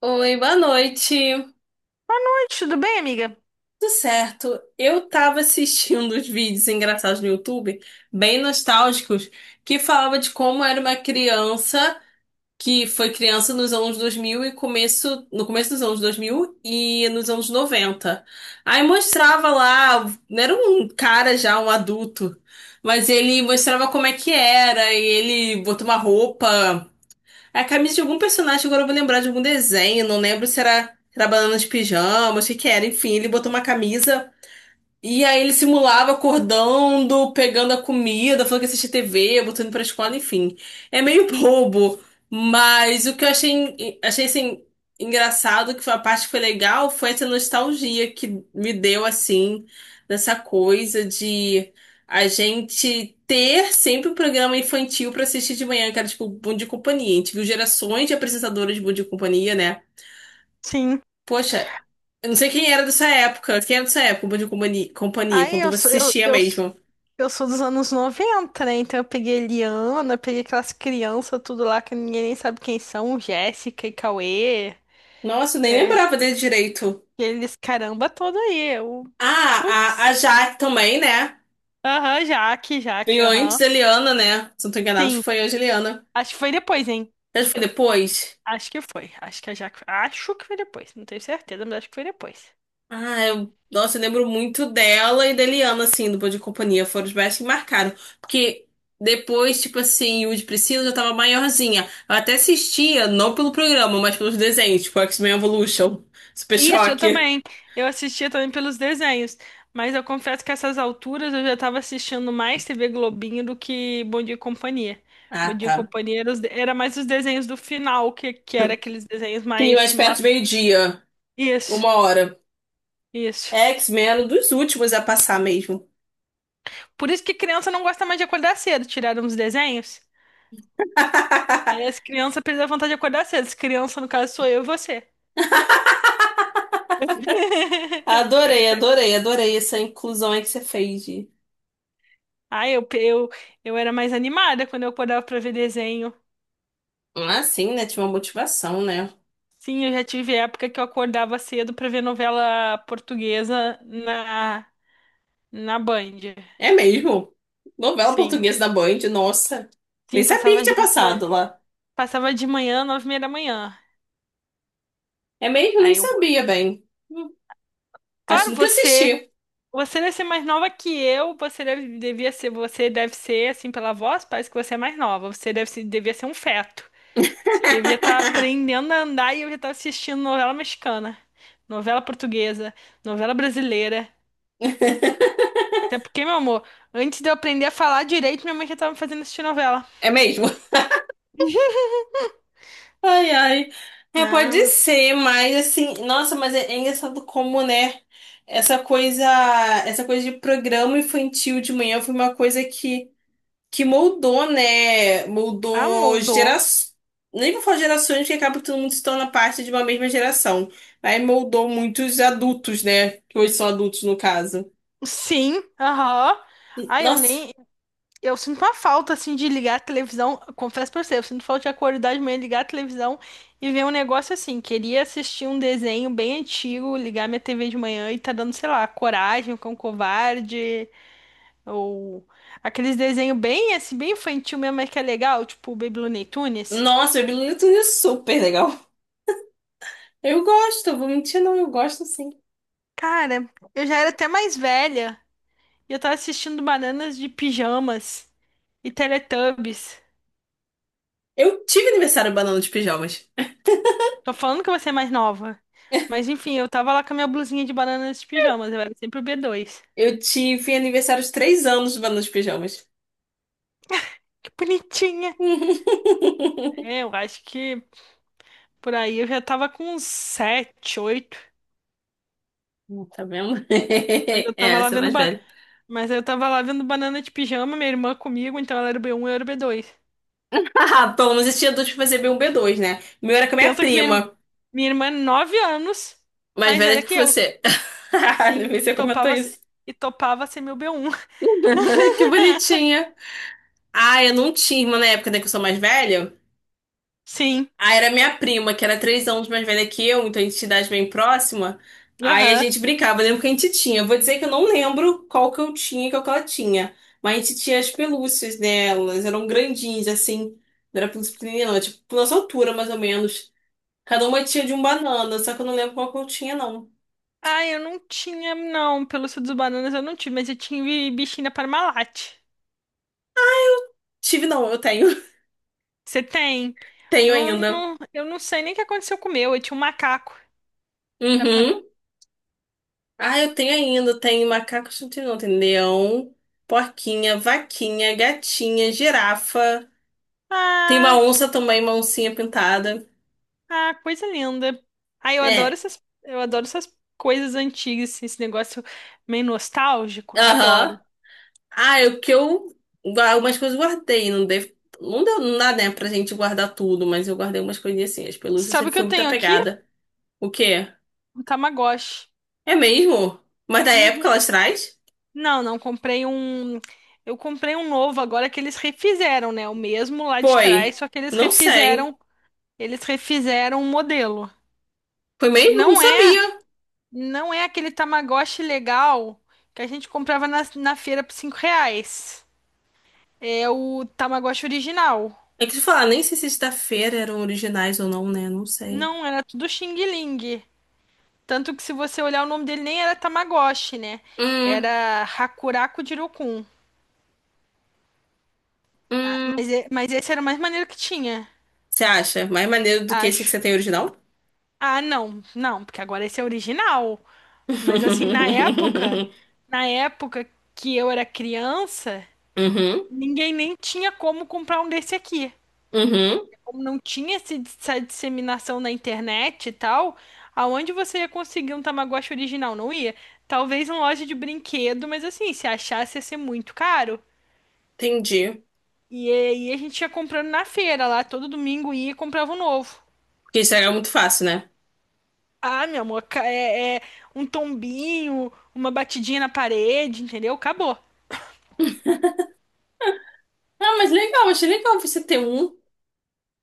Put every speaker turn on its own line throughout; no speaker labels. Oi, boa noite.
Boa noite, tudo bem, amiga?
Tudo certo? Eu tava assistindo os vídeos engraçados no YouTube, bem nostálgicos, que falava de como era uma criança que foi criança nos anos 2000 no começo dos anos 2000 e nos anos 90. Aí mostrava lá, não era um cara já, um adulto, mas ele mostrava como é que era e ele botou uma roupa. É a camisa de algum personagem. Agora eu vou lembrar de algum desenho, não lembro se era Banana de Pijama, se que que era, enfim, ele botou uma camisa. E aí ele simulava acordando, pegando a comida, falando que assistia TV, botando pra escola, enfim. É meio bobo, mas o que eu achei assim, engraçado, que foi a parte que foi legal, foi essa nostalgia que me deu, assim, dessa coisa de a gente ter sempre um programa infantil pra assistir de manhã, que era tipo Bom Dia e Companhia. A gente viu gerações de apresentadoras de Bom Dia e Companhia, né?
Sim.
Poxa, eu não sei quem era dessa época. Quem era dessa época de companhia, companhia
Aí
quando você assistia mesmo?
eu sou dos anos 90, né? Então eu peguei Eliana, peguei aquelas crianças tudo lá que ninguém nem sabe quem são, Jéssica e Cauê,
Nossa, eu nem
que é-
lembrava dele direito.
que eles caramba todo aí. Eu,
Ah, a
putz.
Jaque também, né?
Aham, Jaque, Jaque,
Veio antes
aham.
da Eliana, né? Se não tô enganado, acho que
Sim,
foi antes da Eliana.
acho que foi depois, hein?
Mas foi depois?
Acho que foi. Acho que a Jaque. Acho que foi depois. Não tenho certeza, mas acho que foi depois.
Ah, nossa, eu lembro muito dela e da Eliana, assim, do Bom de Companhia. Foram os mais que marcaram. Porque depois, tipo assim, o de Priscila já tava maiorzinha. Eu até assistia, não pelo programa, mas pelos desenhos, tipo X-Men Evolution, Super
Isso, eu
Choque.
também. Eu assistia também pelos desenhos. Mas eu confesso que essas alturas eu já tava assistindo mais TV Globinho do que Bom Dia e Companhia. Bom
Ah,
Dia e
tá.
Companhia era, era mais os desenhos do final, que era aqueles desenhos
Sim,
mais.
mais perto de
ma-
meio-dia,
Isso,
uma hora.
isso.
É X-Men, um dos últimos a passar mesmo.
Por isso que criança não gosta mais de acordar cedo. Tiraram os desenhos. Aí as crianças perdem a vontade de acordar cedo. As crianças, no caso, sou eu e você.
Adorei, adorei, adorei essa inclusão aí que você fez.
Ah, eu era mais animada quando eu acordava pra ver desenho.
Ah, sim, né? Tinha uma motivação, né?
Sim, eu já tive época que eu acordava cedo pra ver novela portuguesa na Band.
É mesmo. Novela
Sim,
portuguesa da Band, nossa. Nem
sim,
sabia que tinha passado lá.
passava de manhã, 9h30 da manhã.
É mesmo? Nem
Aí eu,
sabia bem. Hum. Acho que
claro,
nunca
você,
assisti.
você deve ser mais nova que eu, você deve, devia ser, você deve ser, assim, pela voz, parece que você é mais nova, você deve ser, devia ser um feto. Você devia estar aprendendo a andar e eu já estava assistindo novela mexicana, novela portuguesa, novela brasileira. Até porque, meu amor, antes de eu aprender a falar direito, minha mãe já tava me fazendo assistir novela.
É mesmo. Ai, ai. É,
Ah,
pode
mas-
ser, mas assim, nossa, mas é engraçado como, né? Essa coisa, essa coisa de programa infantil de manhã foi uma coisa que moldou, né?
ah,
Moldou
mudou.
gerações. Nem vou falar gerações, porque acaba que todo mundo se torna parte de uma mesma geração. Aí moldou muitos adultos, né? Que hoje são adultos, no caso.
Sim, aham.
N-
Ah, eu
Nossa,
nem. Eu sinto uma falta, assim, de ligar a televisão. Confesso pra você, eu sinto falta de acordar de manhã, ligar a televisão e ver um negócio assim. Queria assistir um desenho bem antigo, ligar minha TV de manhã e tá dando, sei lá, Coragem, o Cão Covarde, ou aqueles desenhos bem, assim, bem infantil mesmo, mas que é legal, tipo o Baby Looney Tunes.
nossa, eu me lembro é super legal. Eu gosto, vou mentir, não, eu gosto sim.
Cara, eu já era até mais velha e eu tava assistindo Bananas de Pijamas e Teletubbies.
Eu tive aniversário banana de pijamas.
Tô falando que você é mais nova. Mas enfim, eu tava lá com a minha blusinha de bananas de pijamas, eu era sempre o B2.
Eu tive aniversário de 3 anos nos pijamas.
Que bonitinha! É, eu acho que por aí eu já tava com uns 7, 8.
Hum. Tá vendo?
Mas eu tava
É,
lá
você é
vendo
mais
ba...
velha.
Mas eu tava lá vendo banana de pijama, minha irmã comigo, então ela era o B1 e eu era o B2.
Ah, pelo menos esse adulto fazer fazia um B2, né? O meu era com a minha
Pensa que
prima,
minha irmã é 9 anos
mais
mais
velha
velha
que
que eu.
você. Não sei
Sim,
se
e
você comentou
topava, se-
isso.
e topava ser meu B1.
Que bonitinha. Ah, eu não tinha irmã na época, né, que eu sou mais velha.
Sim,
Aí era minha prima, que era 3 anos mais velha que eu, então a gente tinha idade bem próxima. Aí a
aham.
gente brincava, eu lembro que a gente tinha. Eu vou dizer que eu não lembro qual que eu tinha e qual que ela tinha. Mas a gente tinha as pelúcias delas, eram grandinhas, assim. Não era pelúcia pequenininha, não, era, tipo, nossa altura, mais ou menos. Cada uma tinha de um banana, só que eu não lembro qual que eu tinha, não.
Ah, eu não tinha, não. Pelo suco dos bananas eu não tive, mas eu tive bichinha Parmalat.
Tive, não, eu tenho.
Você tem?
Tenho
Eu não,
ainda.
não- eu não sei nem o que aconteceu com o meu. Eu tinha um macaco da
Uhum.
Parmalat.
Ah, eu tenho ainda. Tem macaco, não tem não. Tem leão, porquinha, vaquinha, gatinha, girafa. Tem uma
Ah,
onça também, uma oncinha pintada.
ah, coisa linda. Ah,
É.
eu adoro essas coisas antigas, assim, esse negócio meio nostálgico.
Aham.
Adoro.
Ah, é o que eu. Algumas coisas eu guardei. Não deve, não deu, não dá, né, pra gente guardar tudo, mas eu guardei umas coisinhas assim. As pelúcias
Sabe o
sempre
que
foi
eu
muito
tenho aqui?
apegada. O quê?
Um Tamagotchi.
É mesmo? Mas da época lá
Uhum.
atrás?
Não, não comprei um. Eu comprei um novo agora que eles refizeram, né? O mesmo lá de
Foi.
trás, só que
Não sei.
eles refizeram o modelo.
Foi mesmo? Não
Não é,
sabia.
não é aquele Tamagotchi legal que a gente comprava na feira por R$ 5. É o Tamagotchi original.
É que tu falar, nem sei se sexta-feira eram originais ou não, né? Não sei.
Não, era tudo Xing Ling. Tanto que se você olhar o nome dele nem era Tamagotchi, né?
Hum,
Era Hakuraku Jirokun. Ah,
hum.
mas esse era o mais maneiro que tinha,
Você acha mais maneiro do que esse que
acho.
você tem original?
Ah, não, não, porque agora esse é original. Mas assim, na época que eu era criança,
Uhum,
ninguém nem tinha como comprar um desse aqui.
uhum.
Como não tinha essa disseminação na internet e tal, aonde você ia conseguir um Tamagotchi original? Não ia? Talvez em loja de brinquedo, mas assim, se achasse ia ser muito caro.
Entendi.
E aí a gente ia comprando na feira lá, todo domingo ia e comprava um novo.
Porque estragar é muito fácil, né?
Ah, meu amor, é um tombinho, uma batidinha na parede, entendeu? Acabou.
Ah, mas legal, achei legal você ter um.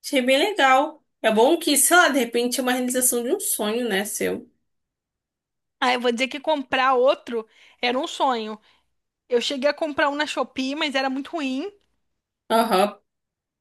Achei bem legal. É bom que, sei lá, de repente é uma realização de um sonho, né, seu?
Ah, eu vou dizer que comprar outro era um sonho. Eu cheguei a comprar um na Shopee, mas era muito ruim.
Aham,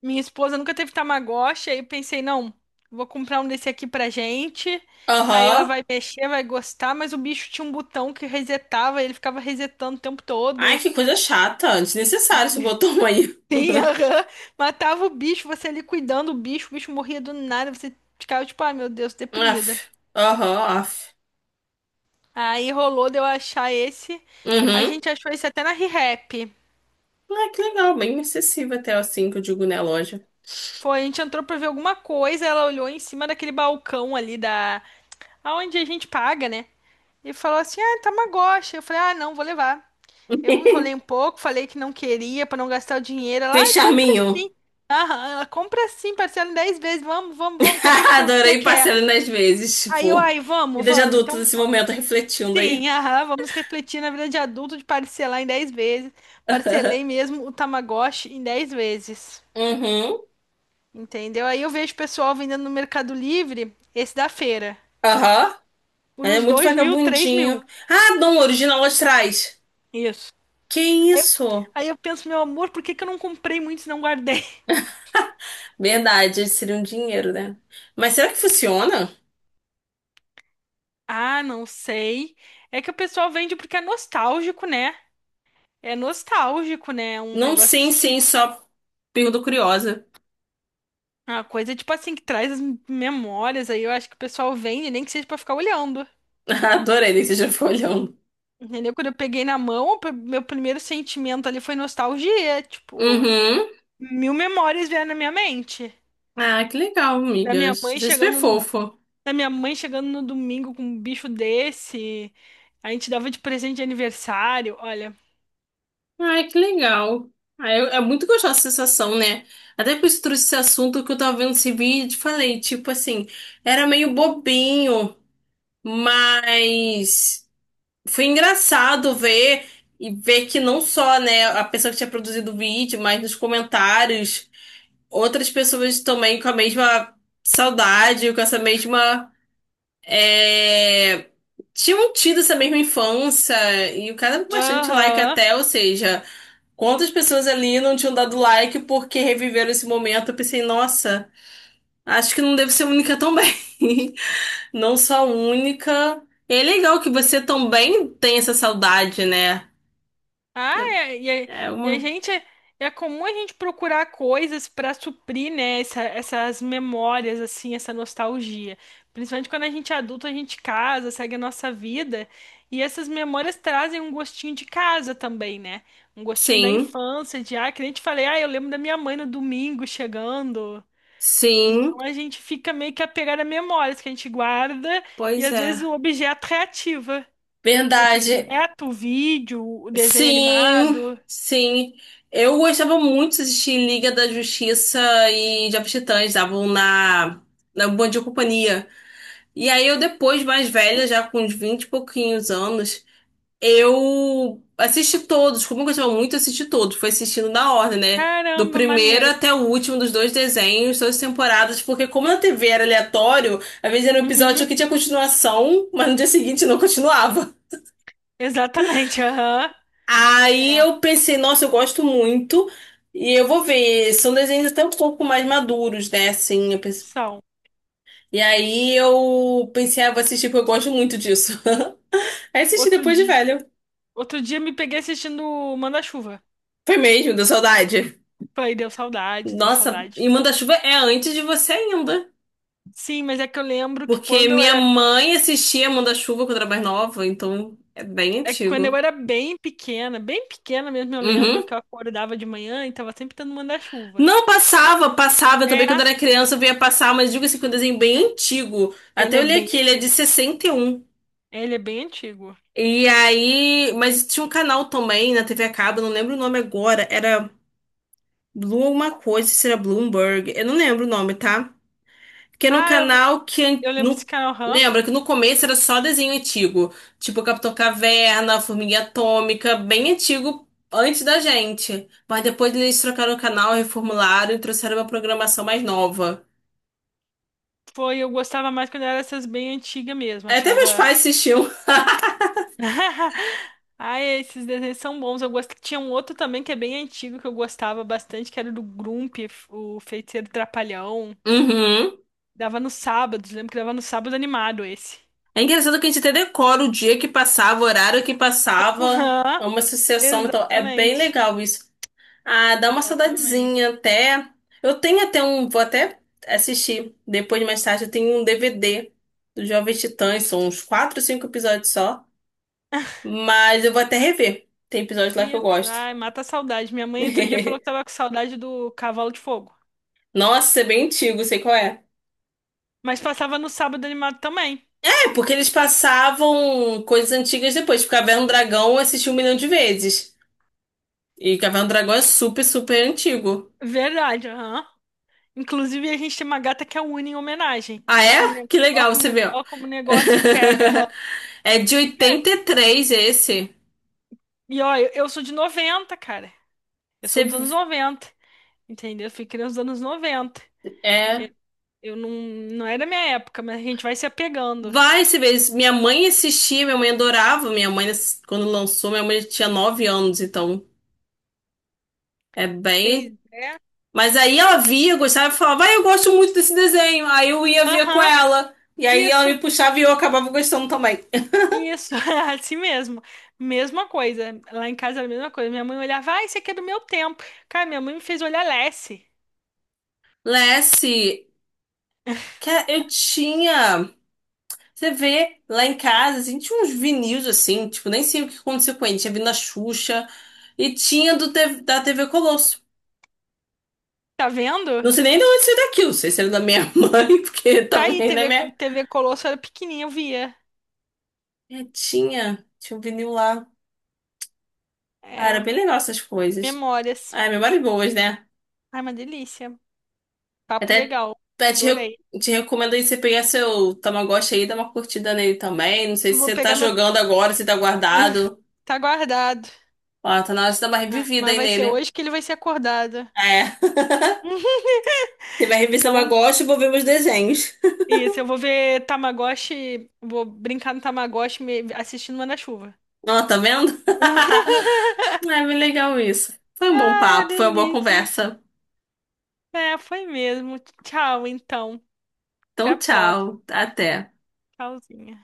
Minha esposa nunca teve Tamagotchi, aí eu pensei, não, vou comprar um desse aqui pra gente. Aí ela
aham.
vai mexer, vai gostar, mas o bicho tinha um botão que resetava, ele ficava resetando o tempo
Ai,
todo.
que coisa chata. Desnecessário esse botão aí.
Sim, aham. Matava o bicho, você ali cuidando do bicho, o bicho morria do nada, você ficava tipo, ai meu Deus,
Aff.
deprimida.
Aham, aff.
Aí rolou de eu achar esse. A
Uhum.
gente achou esse até na ReHap.
Ah, que legal. Bem acessível até assim que eu digo, né, loja.
Foi, a gente entrou pra ver alguma coisa, ela olhou em cima daquele balcão ali da... Aonde a gente paga, né? E falou assim, ah, Tamagotchi. Eu falei, ah, não, vou levar. Eu enrolei um pouco, falei que não queria pra não gastar o dinheiro. Ela,
Fez
ai, compra sim.
charminho.
Aham, ela compra sim, parcela em 10 vezes. Vamos, vamos, vamos, compra o que você
Adorei
quer.
parcela nas vezes,
Aí eu,
tipo.
ai, vamos,
Vida de
vamos.
adulto
Então
nesse
vamos.
momento, refletindo aí.
Sim, aham, vamos refletir na vida de adulto de parcelar em 10 vezes. Parcelei mesmo o Tamagotchi em 10 vezes.
Uhum.
Entendeu? Aí eu vejo o pessoal vendendo no Mercado Livre, esse da feira,
Aham.
por
É
uns
muito
2 mil, 3 mil.
vagabundinho. Ah, não, original lá atrás.
Isso.
Que
Aí, eu-
isso?
aí eu penso, meu amor, por que que eu não comprei muito e não guardei?
Verdade, seria um dinheiro, né? Mas será que funciona?
Ah, não sei. É que o pessoal vende porque é nostálgico, né? É nostálgico, né? Um
Não,
negócio
sim,
assim.
sim, só pergunta curiosa.
Uma coisa tipo assim que traz as memórias aí. Eu acho que o pessoal vende, nem que seja pra ficar olhando.
Adorei né, que você já foi olhando.
Entendeu? Quando eu peguei na mão, meu primeiro sentimento ali foi nostalgia, tipo,
Uhum.
mil memórias vieram na minha mente.
Ah, que legal,
Da
amiga.
minha mãe
Você é super
chegando no,
fofo.
da minha mãe chegando no domingo com um bicho desse. A gente dava de presente de aniversário, olha.
Ai, que legal. Ah, é muito gostosa essa sensação, né? Até por isso eu trouxe esse assunto que eu tava vendo esse vídeo e falei, tipo assim, era meio bobinho, mas foi engraçado ver e ver que não só, né, a pessoa que tinha produzido o vídeo, mas nos comentários, outras pessoas também com a mesma saudade, com essa mesma. É, tinham tido essa mesma infância, e o cara deu bastante like
Aham.
até, ou seja, quantas pessoas ali não tinham dado like porque reviveram esse momento? Eu pensei, nossa, acho que não devo ser única também. Não só única. E é legal que você também tem essa saudade, né?
Ah, é- e, a
É
e
uma.
a gente é comum a gente procurar coisas para suprir, né, essas memórias assim, essa nostalgia. Principalmente quando a gente é adulto, a gente casa, segue a nossa vida, e essas memórias trazem um gostinho de casa também, né? Um gostinho da
Sim,
infância, de ah, que nem te falei, ah, eu lembro da minha mãe no domingo chegando.
sim,
Então a gente fica meio que apegado a memórias que a gente guarda e
pois
às vezes
é.
o objeto reativa. O
Verdade.
objeto, o vídeo, o desenho
Sim,
animado.
sim. Eu gostava muito de assistir Liga da Justiça e Jovens Titãs, estavam na Bom Dia Companhia. E aí eu depois, mais velha, já com uns 20 e pouquinhos anos, eu assisti todos, como eu gostava muito, eu assisti todos. Fui assistindo na ordem, né? Do
Caramba,
primeiro
maneiro.
até o último dos dois desenhos, duas temporadas, porque como na TV era aleatório, às vezes era um episódio
Uhum,
que tinha continuação, mas no dia seguinte não continuava.
exatamente. Aham.
Aí
É,
eu pensei, nossa, eu gosto muito, e eu vou ver. São desenhos até um pouco mais maduros, né? Assim,
são,
e
são, são.
aí eu pensei, ah, vou assistir porque eu gosto muito disso. Aí assisti
Outro
depois de
dia,
velho.
outro dia me peguei assistindo Manda-Chuva.
Foi mesmo, deu saudade.
Falei, deu saudade, deu
Nossa, e
saudade.
Manda-Chuva é antes de você ainda.
Sim, mas é que eu lembro que
Porque minha mãe assistia Manda-Chuva quando era mais nova, então é bem
quando eu
antigo.
era bem pequena mesmo, eu lembro
Uhum.
que eu acordava de manhã e tava sempre tendo Manda-Chuva.
Não passava, passava também quando
É,
era criança, eu via passar, mas digo assim, que é um desenho bem antigo.
ele
Até
é
olhei
bem
aqui, ele é
antigo.
de 61.
Ele é bem antigo.
E aí, mas tinha um canal também na TV a cabo, não lembro o nome agora, era Blue alguma coisa, se era Bloomberg, eu não lembro o nome, tá? Porque no
Ah,
canal
eu lembro desse
no,
canal, aham.
lembra que no começo era só desenho antigo, tipo Capitão Caverna, Formiga Atômica, bem antigo antes da gente. Mas depois eles trocaram o canal, reformularam e trouxeram uma programação mais nova.
Foi, eu gostava mais quando era essas bem antigas mesmo,
Até meus
achava.
pais assistiam.
Ai, esses desenhos são bons. Eu gosto... Tinha um outro também que é bem antigo que eu gostava bastante, que era do Grump, o Feiticeiro Trapalhão.
Uhum.
Dava nos sábados, lembro que dava no sábado animado esse.
É engraçado que a gente até decora o dia que passava, o horário que passava.
Aham,
É uma sucessão, então é bem
exatamente.
legal isso. Ah, dá uma
Exatamente.
saudadezinha até. Eu tenho até um. Vou até assistir depois, mais tarde. Eu tenho um DVD do Jovem Titãs. São uns 4 ou 5 episódios só. Mas eu vou até rever. Tem episódios lá que eu
Isso,
gosto.
ai, mata a saudade. Minha mãe outro dia falou que tava com saudade do Cavalo de Fogo.
Nossa, isso é bem antigo, sei qual é.
Mas passava no sábado animado também.
É, porque eles passavam coisas antigas depois. Tipo, Caverna do Dragão eu assisti um milhão de vezes. E Caverna do Dragão é super, super antigo.
Verdade, aham. Inclusive, a gente tem uma gata que é a Uni em homenagem.
Ah,
Ó como,
é?
ne-
Que
ó
legal,
como,
você vê, ó.
Ó como o negócio pega. Aham.
É de 83 esse.
E ó, eu sou de 90 cara. Eu sou dos anos
Você
noventa, entendeu? Eu fui criança dos anos 90. Eu,
é.
eu não, não é da minha época, mas a gente vai se apegando.
Vai, você vê. Minha mãe assistia, minha mãe adorava. Minha mãe, quando lançou, minha mãe tinha 9 anos, então é
Pois
bem.
é.
Mas aí ela via, gostava e falava, vai, eu gosto muito desse desenho. Aí eu ia ver com
Aham,
ela. E aí ela
isso,
me puxava e eu acabava gostando também.
isso, assim mesmo. Mesma coisa. Lá em casa era a mesma coisa. Minha mãe olhava, ai, isso aqui é do meu tempo. Cara, minha mãe me fez olhar Lassie.
Lessie, que eu tinha. Você vê lá em casa, assim, tinha uns vinil assim, tipo, nem sei o que aconteceu com ele. Tinha vindo a Xuxa e tinha do, T- V da TV Colosso.
Tá vendo?
Não sei nem de onde saiu daquilo. Não sei se era da minha mãe, porque
Tá aí,
também da minha
TV Colosso era pequenininha, eu via.
netinha. Tinha um vinil lá. Ah, era
É,
bem legal essas coisas.
memórias.
Ah, é memórias boas, né?
Ai, uma delícia. Papo
Até,
legal.
até te,
Adorei.
re- te recomendo aí você pegar seu Tamagotchi aí e dar uma curtida nele também. Não sei
Eu
se
vou
você tá
pegar meu.
jogando agora, se tá guardado.
Tá guardado.
Ó, tá na hora de dar uma
Ah,
revivida
mas
aí
vai ser
nele.
hoje que ele vai ser acordado.
É. Você vai rever seu
Então,
Tamagotchi e vou ver meus desenhos.
isso, eu vou ver Tamagotchi, vou brincar no Tamagotchi assistindo Manda-Chuva.
Ó, tá vendo? É bem legal isso. Foi um bom
Ai, uma
papo, foi uma boa
delícia.
conversa.
É, foi mesmo. Tchau, então. Até a
Então,
próxima.
tchau, até.
Tchauzinho.